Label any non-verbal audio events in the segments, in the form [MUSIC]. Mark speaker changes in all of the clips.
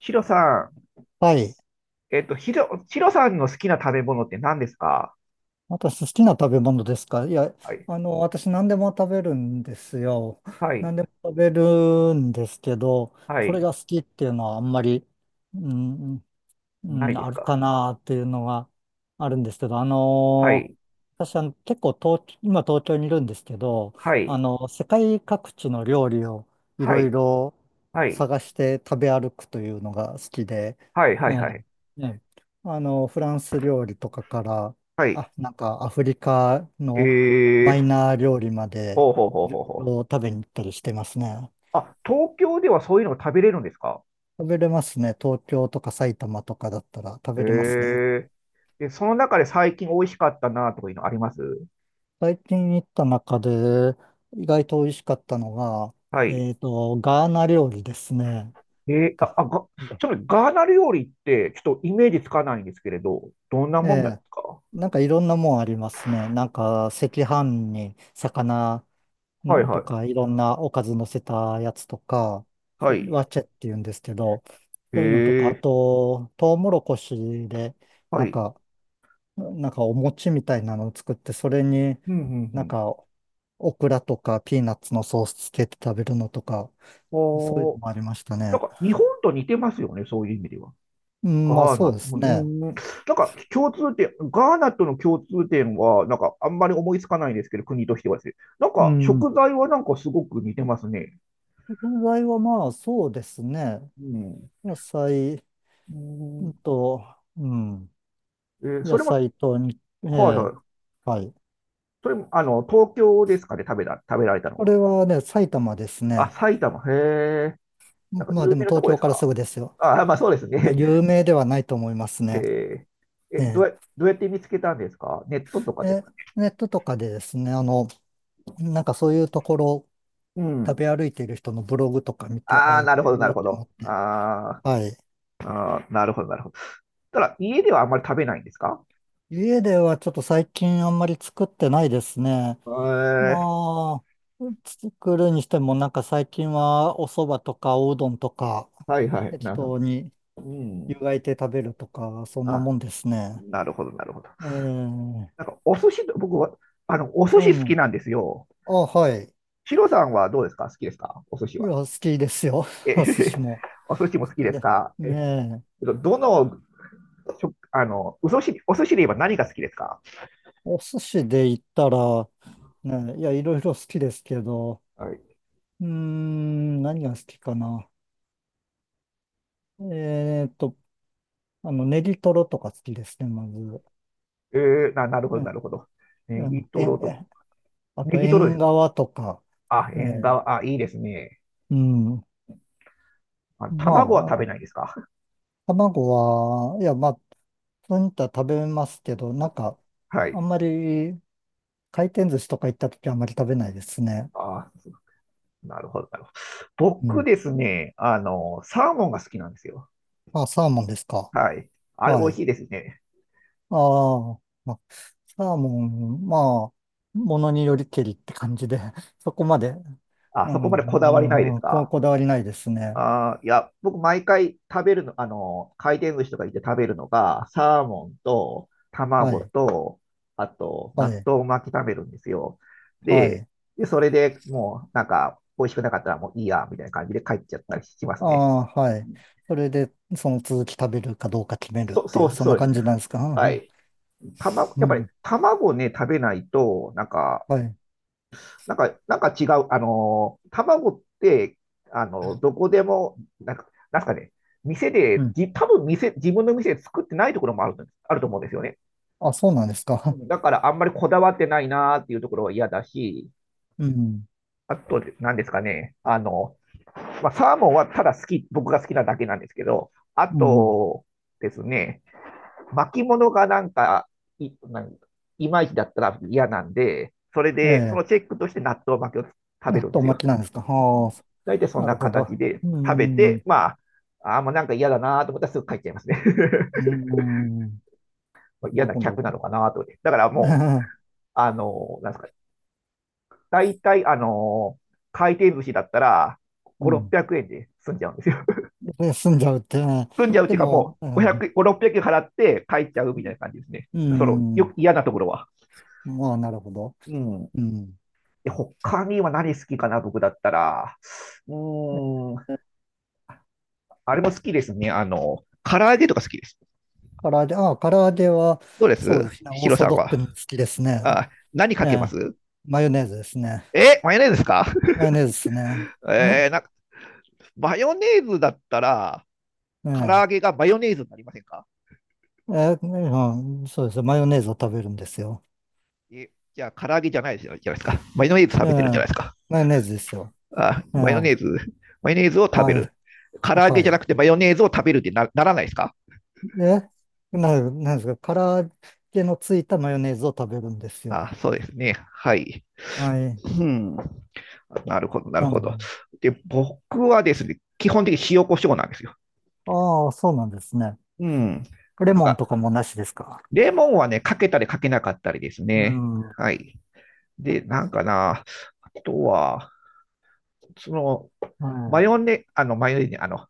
Speaker 1: ヒロさん、
Speaker 2: はい。
Speaker 1: ヒロさんの好きな食べ物って何ですか？
Speaker 2: 私、好きな食べ物ですか？いや、
Speaker 1: はい。
Speaker 2: 私、何でも食べるんですよ。[LAUGHS]
Speaker 1: はい。
Speaker 2: 何でも食べるんですけど、
Speaker 1: は
Speaker 2: これ
Speaker 1: い。
Speaker 2: が好きっていうのはあんまり、うん、う
Speaker 1: ない
Speaker 2: ん、
Speaker 1: で
Speaker 2: あ
Speaker 1: す
Speaker 2: る
Speaker 1: か？
Speaker 2: かなっていうのがあるんですけど、
Speaker 1: はい。
Speaker 2: 私は結構今東京にいるんですけど、
Speaker 1: はい。
Speaker 2: 世界各地の料理をい
Speaker 1: は
Speaker 2: ろい
Speaker 1: い。
Speaker 2: ろ
Speaker 1: はい。
Speaker 2: 探して食べ歩くというのが好きで、
Speaker 1: はい。は
Speaker 2: え
Speaker 1: い。はい。
Speaker 2: え、ええ、フランス料理とかから、
Speaker 1: はい。
Speaker 2: あ、なんかアフリカの
Speaker 1: え
Speaker 2: マイ
Speaker 1: ー、
Speaker 2: ナー料理まで
Speaker 1: ほうほうほう
Speaker 2: いろい
Speaker 1: ほうほう。
Speaker 2: ろ食べに行ったりしてますね。
Speaker 1: あ、東京ではそういうのが食べれるんですか？
Speaker 2: 食べれますね。東京とか埼玉とかだったら食
Speaker 1: え
Speaker 2: べれますね。
Speaker 1: ー、で、その中で最近美味しかったなとかいうのあります？
Speaker 2: 最近行った中で意外と美味しかったのが、
Speaker 1: はい。
Speaker 2: ガーナ料理ですね。
Speaker 1: えー、
Speaker 2: がが
Speaker 1: ちなみにガーナ料理って、ちょっとイメージつかないんですけれど、どんな
Speaker 2: え
Speaker 1: もんなんで
Speaker 2: え、
Speaker 1: すか？
Speaker 2: なんかいろんなもんありますね。なんか赤飯に魚
Speaker 1: はい
Speaker 2: ん
Speaker 1: は
Speaker 2: と
Speaker 1: い。
Speaker 2: かいろんなおかず乗せたやつとか、そ
Speaker 1: は
Speaker 2: れ
Speaker 1: い。
Speaker 2: ワチェって言うんですけど、
Speaker 1: え
Speaker 2: そういうのとか、あ
Speaker 1: ー、
Speaker 2: と、トウモロコシで、
Speaker 1: は
Speaker 2: なん
Speaker 1: い。
Speaker 2: か、なんかお餅みたいなのを作って、それに
Speaker 1: うんうんう
Speaker 2: なん
Speaker 1: ん。
Speaker 2: かオクラとかピーナッツのソースつけて食べるのとか、そういうの
Speaker 1: おー。
Speaker 2: もありました
Speaker 1: なん
Speaker 2: ね。
Speaker 1: か日本と似てますよね、そういう意味では。
Speaker 2: うん、まあ
Speaker 1: ガーナ、
Speaker 2: そうです
Speaker 1: う
Speaker 2: ね。
Speaker 1: ん、なんか共通点、ガーナとの共通点は、なんかあんまり思いつかないんですけど、国としてはですね。なん
Speaker 2: う
Speaker 1: か
Speaker 2: ん。
Speaker 1: 食材はなんかすごく似てますね。
Speaker 2: 食材はまあそうですね。
Speaker 1: うん。
Speaker 2: 野菜
Speaker 1: うん。
Speaker 2: と、うん。
Speaker 1: そ
Speaker 2: 野
Speaker 1: れも、
Speaker 2: 菜とに、え
Speaker 1: はいは
Speaker 2: え、
Speaker 1: い。
Speaker 2: はい。
Speaker 1: それも、あの、東京ですかね、食べられたの
Speaker 2: こ
Speaker 1: は。
Speaker 2: れはね、埼玉です
Speaker 1: あ、
Speaker 2: ね。
Speaker 1: 埼玉、へえ。なんか
Speaker 2: まあ
Speaker 1: 有
Speaker 2: でも
Speaker 1: 名なと
Speaker 2: 東
Speaker 1: こで
Speaker 2: 京
Speaker 1: す
Speaker 2: から
Speaker 1: か？
Speaker 2: すぐですよ。
Speaker 1: あ、まあそうです
Speaker 2: いや、
Speaker 1: ね。
Speaker 2: 有名ではないと思います
Speaker 1: [LAUGHS]
Speaker 2: ね。
Speaker 1: えー
Speaker 2: え
Speaker 1: え、
Speaker 2: え。
Speaker 1: どうやって見つけたんですか？ネットとかです
Speaker 2: え、
Speaker 1: か？
Speaker 2: ネットとかでですね、なんかそういうところ、
Speaker 1: う
Speaker 2: 食
Speaker 1: ん。
Speaker 2: べ歩いている人のブログとか見て、あ、
Speaker 1: ああ、
Speaker 2: 行っ
Speaker 1: なる
Speaker 2: て
Speaker 1: ほど、
Speaker 2: み
Speaker 1: な
Speaker 2: よ
Speaker 1: る
Speaker 2: うっ
Speaker 1: ほ
Speaker 2: て思
Speaker 1: ど。
Speaker 2: って。
Speaker 1: あ
Speaker 2: はい。
Speaker 1: ーあー、なるほど、なるほど。ただ、家ではあんまり食べないんですか？
Speaker 2: 家ではちょっと最近あんまり作ってないですね。
Speaker 1: えー、
Speaker 2: まあ、作るにしても、なんか最近はお蕎麦とかおうどんとか、
Speaker 1: はいはい、な
Speaker 2: 適
Speaker 1: るほど。
Speaker 2: 当に
Speaker 1: う
Speaker 2: 湯
Speaker 1: ん。
Speaker 2: がいて食べるとか、そんな
Speaker 1: あ、
Speaker 2: もんですね。
Speaker 1: なるほど、なるほど。
Speaker 2: え
Speaker 1: なん
Speaker 2: え、
Speaker 1: か、お寿司と、僕は、あの、お寿
Speaker 2: う
Speaker 1: 司好き
Speaker 2: ん。
Speaker 1: なんですよ。
Speaker 2: あ、はい。
Speaker 1: ヒロさんはどうですか？好きですか？お寿司
Speaker 2: いや、
Speaker 1: は。
Speaker 2: 好きですよ。
Speaker 1: え、
Speaker 2: [LAUGHS] お寿司
Speaker 1: [LAUGHS]
Speaker 2: も。好
Speaker 1: お寿司も好き
Speaker 2: き
Speaker 1: です
Speaker 2: で。
Speaker 1: か？え、
Speaker 2: ねえ。
Speaker 1: どの、食あの、お寿司で言えば何が好きですか？
Speaker 2: お寿司で言ったら、ねえ、いや、いろいろ好きですけど、
Speaker 1: はい。
Speaker 2: うーん、何が好きかな。えーっと、ネギトロとか好きですね、まず。
Speaker 1: えなるほ
Speaker 2: う
Speaker 1: ど、な
Speaker 2: ん、
Speaker 1: るほど。ネ
Speaker 2: う
Speaker 1: ギ
Speaker 2: ん、
Speaker 1: トロとか。
Speaker 2: あ
Speaker 1: ネ
Speaker 2: と、
Speaker 1: ギトロで
Speaker 2: 縁
Speaker 1: す。
Speaker 2: 側とか、
Speaker 1: あ、
Speaker 2: え
Speaker 1: 縁
Speaker 2: ー
Speaker 1: 側、あ、いいですね。
Speaker 2: うん。
Speaker 1: あ、
Speaker 2: ま
Speaker 1: 卵は食
Speaker 2: あ、
Speaker 1: べないですか？
Speaker 2: 卵は、いや、まあ、そういったら食べますけど、なんか、
Speaker 1: [LAUGHS] は
Speaker 2: あん
Speaker 1: い。
Speaker 2: まり、回転寿司とか行った時はあんまり食べないですね。
Speaker 1: あー、なるほど、なるほど。
Speaker 2: う
Speaker 1: 僕
Speaker 2: ん。
Speaker 1: ですね、あの、サーモンが好きなんですよ。
Speaker 2: あ、サーモンですか？
Speaker 1: はい。あれ美
Speaker 2: は
Speaker 1: 味
Speaker 2: い。
Speaker 1: しいですね。
Speaker 2: ああ、まあ、サーモン、まあ、ものによりけりって感じで、[LAUGHS] そこまで、
Speaker 1: あ、
Speaker 2: う
Speaker 1: そこまでこだわりないで
Speaker 2: ん、う
Speaker 1: す
Speaker 2: ん、こ、
Speaker 1: か？
Speaker 2: こだわりないですね。
Speaker 1: あー、いや、僕毎回食べるの、あの、回転寿司とか行って食べるのが、サーモンと
Speaker 2: は
Speaker 1: 卵
Speaker 2: い、
Speaker 1: と、あと、
Speaker 2: は
Speaker 1: 納
Speaker 2: い、
Speaker 1: 豆巻き食べるんですよ。
Speaker 2: は
Speaker 1: で、
Speaker 2: い。
Speaker 1: それでもう、なんか、美味しくなかったらもういいや、みたいな感じで帰っちゃったりします
Speaker 2: あ
Speaker 1: ね。
Speaker 2: あ、はい。それで、その続き食べるかどうか決めるっていう、そん
Speaker 1: そ
Speaker 2: な
Speaker 1: うです
Speaker 2: 感
Speaker 1: ね。
Speaker 2: じなんですか？う
Speaker 1: は
Speaker 2: ん、
Speaker 1: い。卵、
Speaker 2: う
Speaker 1: やっぱり
Speaker 2: ん。
Speaker 1: 卵ね、食べないと、なんか、
Speaker 2: はい。
Speaker 1: なんか違う、あのー、卵って、あのー、どこでも、なんか、なんすかね、店
Speaker 2: う
Speaker 1: で、
Speaker 2: ん。
Speaker 1: じ、多分自分の店で作ってないところもあると思うんですよね。
Speaker 2: あ、そうなんですか？
Speaker 1: だから、あんまりこだわってないなーっていうところは嫌だし、
Speaker 2: [LAUGHS] うん。
Speaker 1: あと、なんですかね、あの、まあ、サーモンはただ好き、僕が好きなだけなんですけど、あ
Speaker 2: うん。
Speaker 1: とですね、巻物がなんか、い、なんいまいちだったら嫌なんで、それ
Speaker 2: え
Speaker 1: で、そ
Speaker 2: え。
Speaker 1: のチェックとして納豆巻きを食べ
Speaker 2: 納
Speaker 1: るんで
Speaker 2: 豆
Speaker 1: す
Speaker 2: 巻
Speaker 1: よ。
Speaker 2: きなんですか？ああ、
Speaker 1: 大体そん
Speaker 2: な
Speaker 1: な
Speaker 2: るほど。
Speaker 1: 形で
Speaker 2: う
Speaker 1: 食べて、
Speaker 2: ん。
Speaker 1: まあ、あ、もうなんか嫌だなと思ったらすぐ帰っちゃいますね。
Speaker 2: うん。な
Speaker 1: [LAUGHS] 嫌
Speaker 2: る
Speaker 1: な
Speaker 2: ほ
Speaker 1: 客なの
Speaker 2: ど。
Speaker 1: かなと思って。だからもう、
Speaker 2: [LAUGHS]
Speaker 1: あの、なんですか、大体、あの、回転寿司だったら、
Speaker 2: う
Speaker 1: 5、
Speaker 2: ん。
Speaker 1: 600円で済んじゃうんですよ。
Speaker 2: で、済んじゃうって、ね。
Speaker 1: [LAUGHS] 済んじゃうっ
Speaker 2: で
Speaker 1: ていうか
Speaker 2: も、
Speaker 1: もう、
Speaker 2: うん。
Speaker 1: 500、5、600円払って帰っちゃうみたいな感じですね。
Speaker 2: うん。
Speaker 1: 嫌なところは。
Speaker 2: まあ、なるほど。
Speaker 1: うん。
Speaker 2: うん。
Speaker 1: で、他には何好きかな、僕だったら。うーん、あれも好きですね。あの、唐揚げとか好きです。
Speaker 2: 唐揚げ、ああ、唐揚げは、
Speaker 1: どうで
Speaker 2: そ
Speaker 1: す？
Speaker 2: うですね。オ
Speaker 1: ヒ
Speaker 2: ー
Speaker 1: ロ
Speaker 2: ソ
Speaker 1: さん
Speaker 2: ドック
Speaker 1: は。
Speaker 2: に好きですね。
Speaker 1: あ、何
Speaker 2: え
Speaker 1: かけま
Speaker 2: え、
Speaker 1: す？
Speaker 2: マヨネーズですね。
Speaker 1: え、マヨネーズですか？
Speaker 2: マヨネーズですね。
Speaker 1: [LAUGHS]
Speaker 2: [LAUGHS]
Speaker 1: なんか、マヨネーズだったら、
Speaker 2: え
Speaker 1: 唐揚
Speaker 2: え、
Speaker 1: げがマヨネーズになりませんか？
Speaker 2: ええ、うん、そうですよ。マヨネーズを食べるんですよ。
Speaker 1: え、じゃあ、唐揚げじゃないじゃないですか。マヨネーズ食
Speaker 2: ええ、
Speaker 1: べてるじゃないですか。
Speaker 2: マヨネーズですよ。
Speaker 1: あ、
Speaker 2: ええ、
Speaker 1: マヨネーズを食べ
Speaker 2: は
Speaker 1: る。
Speaker 2: い、
Speaker 1: 唐揚げ
Speaker 2: は
Speaker 1: じゃなく
Speaker 2: い。
Speaker 1: てマヨネーズを食べるってなならないですか？
Speaker 2: で、な、なんですか、揚げのついたマヨネーズを食べるんですよ。
Speaker 1: あ、そうですね。はい。
Speaker 2: はい。
Speaker 1: うん。なるほど、なる
Speaker 2: な
Speaker 1: ほ
Speaker 2: ん
Speaker 1: ど。
Speaker 2: か、
Speaker 1: で、僕はですね、基本的に塩コショウなんですよ。
Speaker 2: ああ、そうなんですね。
Speaker 1: うん。
Speaker 2: レ
Speaker 1: なん
Speaker 2: モンと
Speaker 1: か、
Speaker 2: かもなしですか？
Speaker 1: レモンはね、かけたりかけなかったりです
Speaker 2: う
Speaker 1: ね。
Speaker 2: ん。は
Speaker 1: はい。で、なんかな、あとは、その、マヨ
Speaker 2: い。
Speaker 1: ネ、あの、マヨネ、あの、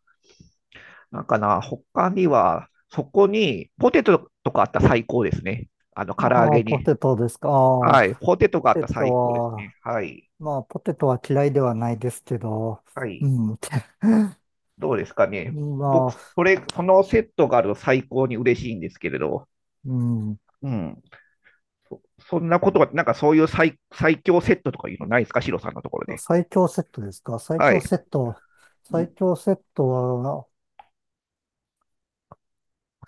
Speaker 1: なんかな、他には、そこに、ポテトとかあったら最高ですね。あの、唐揚
Speaker 2: ああ、
Speaker 1: げ
Speaker 2: ポ
Speaker 1: に。
Speaker 2: テトですか？ああ、ポ
Speaker 1: はい。ポテトがあっ
Speaker 2: テ
Speaker 1: たら
Speaker 2: ト
Speaker 1: 最高です
Speaker 2: は、
Speaker 1: ね。はい。
Speaker 2: まあ、ポテトは嫌いではないですけど、
Speaker 1: は
Speaker 2: う
Speaker 1: い。
Speaker 2: ん。
Speaker 1: どうですかね。
Speaker 2: ま
Speaker 1: 僕、
Speaker 2: あ、
Speaker 1: そのセットがあると最高に嬉しいんですけれど。
Speaker 2: うん。
Speaker 1: うん。そんなことは、なんかそういう最強セットとかいうのないですか？シロさんのところで。
Speaker 2: 最強セットですか？最
Speaker 1: は
Speaker 2: 強
Speaker 1: い。
Speaker 2: セット。最
Speaker 1: ん、
Speaker 2: 強セットは、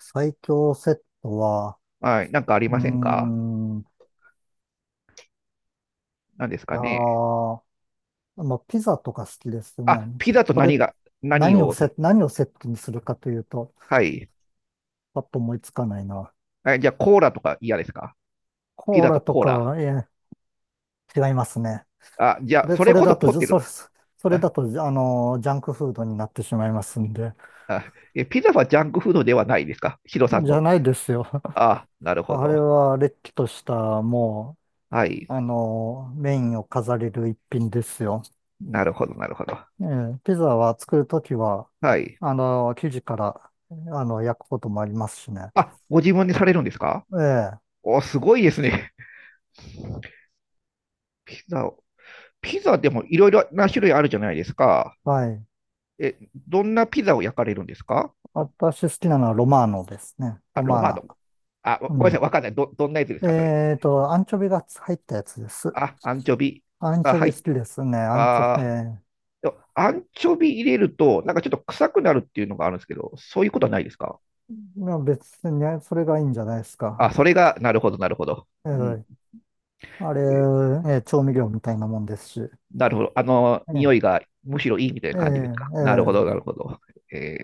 Speaker 2: 最強セットは、
Speaker 1: はい。なんかあり
Speaker 2: うー
Speaker 1: ませんか？
Speaker 2: ん、
Speaker 1: 何です
Speaker 2: あ
Speaker 1: かね。
Speaker 2: あ、まあ、ピザとか好きですね。
Speaker 1: あ、ピザと
Speaker 2: これ、
Speaker 1: 何が、何を？
Speaker 2: 何をセットにするかというと、
Speaker 1: はい。
Speaker 2: パッと思いつかないな。
Speaker 1: はい、じゃあコーラとか嫌ですか？ピ
Speaker 2: コー
Speaker 1: ザと
Speaker 2: ラと
Speaker 1: コー
Speaker 2: か
Speaker 1: ラ。
Speaker 2: は、違いますね。
Speaker 1: あ、じゃ
Speaker 2: そ
Speaker 1: あ、
Speaker 2: れ、
Speaker 1: そ
Speaker 2: そ
Speaker 1: れ
Speaker 2: れ
Speaker 1: こそ
Speaker 2: だと、
Speaker 1: ポ
Speaker 2: じゃ
Speaker 1: テ
Speaker 2: そ
Speaker 1: ル。
Speaker 2: れ、それ
Speaker 1: あ、
Speaker 2: だと、じゃあの、ジャンクフードになってしまいますんで。
Speaker 1: あえ、ピザはジャンクフードではないですか？ヒロさん
Speaker 2: じゃ
Speaker 1: の。
Speaker 2: ないですよ。
Speaker 1: あ、なるほ
Speaker 2: あれ
Speaker 1: ど。
Speaker 2: は、れっきとした、も
Speaker 1: はい。
Speaker 2: う、メインを飾れる一品ですよ。
Speaker 1: なるほど、なるほど。
Speaker 2: ええ、ピザは作るときは、
Speaker 1: はい。
Speaker 2: 生地から、焼くこともありますしね。
Speaker 1: あ、ご自分でされるんですか？
Speaker 2: ええ、
Speaker 1: お、すごいですね。ピザを。ピザでもいろいろな種類あるじゃないですか。
Speaker 2: はい。
Speaker 1: え、どんなピザを焼かれるんですか？
Speaker 2: 私好きなのはロマーノですね。
Speaker 1: あ、
Speaker 2: ロ
Speaker 1: ロ
Speaker 2: マー
Speaker 1: マ
Speaker 2: ナ。
Speaker 1: ノ。あ、
Speaker 2: う
Speaker 1: ごめんなさい、
Speaker 2: ん。
Speaker 1: わかんない。どんなやつですか、それ。
Speaker 2: アンチョビが入ったやつです。
Speaker 1: あ、アンチョビ。
Speaker 2: アン
Speaker 1: あ、
Speaker 2: チョ
Speaker 1: は
Speaker 2: ビ好き
Speaker 1: い。
Speaker 2: ですね。アンチョ、
Speaker 1: あー、
Speaker 2: ええ、
Speaker 1: でもアンチョビ入れると、なんかちょっと臭くなるっていうのがあるんですけど、そういうことはないですか？
Speaker 2: まあ別にね、それがいいんじゃないです
Speaker 1: あ、
Speaker 2: か？
Speaker 1: それが、なるほど、なるほど。
Speaker 2: え
Speaker 1: うん。
Speaker 2: え、あれ、
Speaker 1: え、
Speaker 2: ええ、調味料みたいなもんですし。
Speaker 1: なるほど。あの、
Speaker 2: え
Speaker 1: 匂
Speaker 2: え、
Speaker 1: いがむしろいいみたい
Speaker 2: え
Speaker 1: な
Speaker 2: え、
Speaker 1: 感じですか。
Speaker 2: え
Speaker 1: なるほど、な
Speaker 2: え、
Speaker 1: るほど。え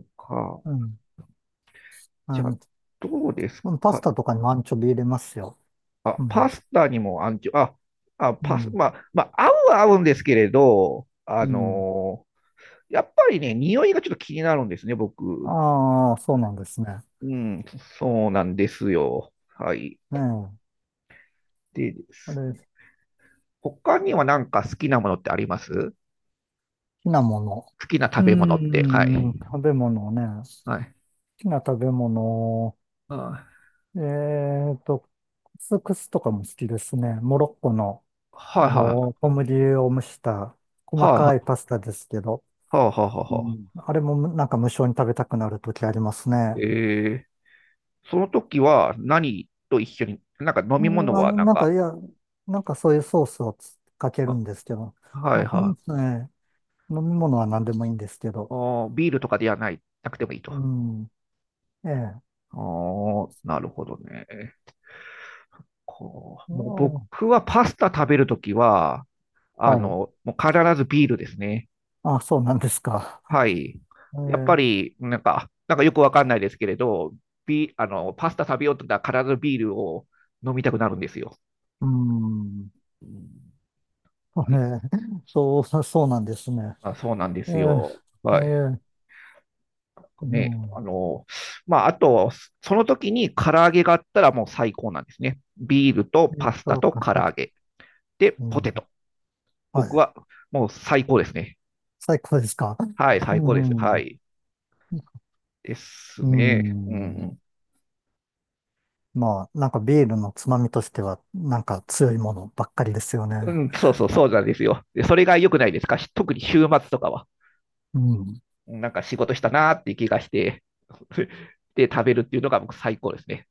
Speaker 1: ー、か。
Speaker 2: うん。ア
Speaker 1: じゃあ、
Speaker 2: ン
Speaker 1: どうです
Speaker 2: うんパス
Speaker 1: か？
Speaker 2: タとかにもアンチョビ入れますよ。
Speaker 1: あ、
Speaker 2: う
Speaker 1: パ
Speaker 2: ん。
Speaker 1: スタにもアンチョ、
Speaker 2: う
Speaker 1: パス、
Speaker 2: ん。
Speaker 1: まあ、合うは合うんですけれど、あ
Speaker 2: うん。
Speaker 1: のー、やっぱりね、匂いがちょっと気になるんですね、僕。
Speaker 2: ああ、そうなんですね。
Speaker 1: うん、そうなんですよ。はい。
Speaker 2: ねえ。
Speaker 1: でで
Speaker 2: あ
Speaker 1: す
Speaker 2: れ、好
Speaker 1: ね、他にはなんか好きなものってあります？
Speaker 2: きなもの。
Speaker 1: 好きな
Speaker 2: う
Speaker 1: 食べ物っ
Speaker 2: ー
Speaker 1: て。は
Speaker 2: ん、
Speaker 1: い。
Speaker 2: 食べ物ね。
Speaker 1: はい。
Speaker 2: 好きな食べ物。
Speaker 1: は
Speaker 2: えクスクスとかも好きですね。モロッコの、
Speaker 1: いはいはい。
Speaker 2: 小麦を蒸した
Speaker 1: は
Speaker 2: 細
Speaker 1: い
Speaker 2: か
Speaker 1: は
Speaker 2: いパスタですけど、
Speaker 1: いはいはい
Speaker 2: う
Speaker 1: は
Speaker 2: ん、あれもなんか無性に食べたくなるときあります
Speaker 1: いはいはいはい
Speaker 2: ね。
Speaker 1: はい。えー、その時は何と一緒に、なんか飲
Speaker 2: そ
Speaker 1: み
Speaker 2: れ
Speaker 1: 物
Speaker 2: は
Speaker 1: はなん
Speaker 2: なん
Speaker 1: か、
Speaker 2: か、いや、なんかそういうソースをつかける
Speaker 1: あ、
Speaker 2: んですけど、
Speaker 1: はい
Speaker 2: 飲み、
Speaker 1: は
Speaker 2: ええ飲み
Speaker 1: い。
Speaker 2: 物は何でもいいんですけ
Speaker 1: あ
Speaker 2: ど、
Speaker 1: ー、ビールとかではない、なくてもいいと。
Speaker 2: う
Speaker 1: あ
Speaker 2: ん、ええ、
Speaker 1: あ、なるほどね。こ
Speaker 2: う
Speaker 1: う、もう
Speaker 2: ん、
Speaker 1: 僕はパスタ食べるときは、あ
Speaker 2: はい。
Speaker 1: の、もう必ずビールですね。
Speaker 2: あ、そうなんですか？
Speaker 1: はい。
Speaker 2: え
Speaker 1: やっぱ
Speaker 2: え、
Speaker 1: り、なんか、なんかよくわかんないですけれど、あの、パスタ食べようと思ったら必ずビールを飲みたくなるんですよ。
Speaker 2: うん、
Speaker 1: うん。
Speaker 2: え
Speaker 1: ね、
Speaker 2: え、そうなんですね。
Speaker 1: まあ、そうなんで
Speaker 2: え
Speaker 1: すよ。
Speaker 2: え、え
Speaker 1: はい。
Speaker 2: え、う
Speaker 1: ね、あ
Speaker 2: ん、
Speaker 1: の、まあ、あと、その時に唐揚げがあったらもう最高なんですね。ビールと
Speaker 2: えっ
Speaker 1: パスタ
Speaker 2: と、
Speaker 1: と
Speaker 2: か
Speaker 1: 唐
Speaker 2: さ、
Speaker 1: 揚げ。で、
Speaker 2: う
Speaker 1: ポ
Speaker 2: ん、
Speaker 1: テト。
Speaker 2: は
Speaker 1: 僕
Speaker 2: い。
Speaker 1: はもう最高ですね。
Speaker 2: 最高ですか？
Speaker 1: はい、
Speaker 2: う
Speaker 1: 最高です。は
Speaker 2: ん、
Speaker 1: い。です
Speaker 2: う
Speaker 1: ね。う
Speaker 2: ん、
Speaker 1: ん。
Speaker 2: まあ、なんかビールのつまみとしては、なんか強いものばっかりですよ
Speaker 1: う
Speaker 2: ね。
Speaker 1: ん、そうそう、そうなんですよ。で、それが良くないですか？し、特に週末とかは。
Speaker 2: うん。
Speaker 1: なんか仕事したなーっていう気がして、[LAUGHS] で、食べるっていうのが僕最高ですね。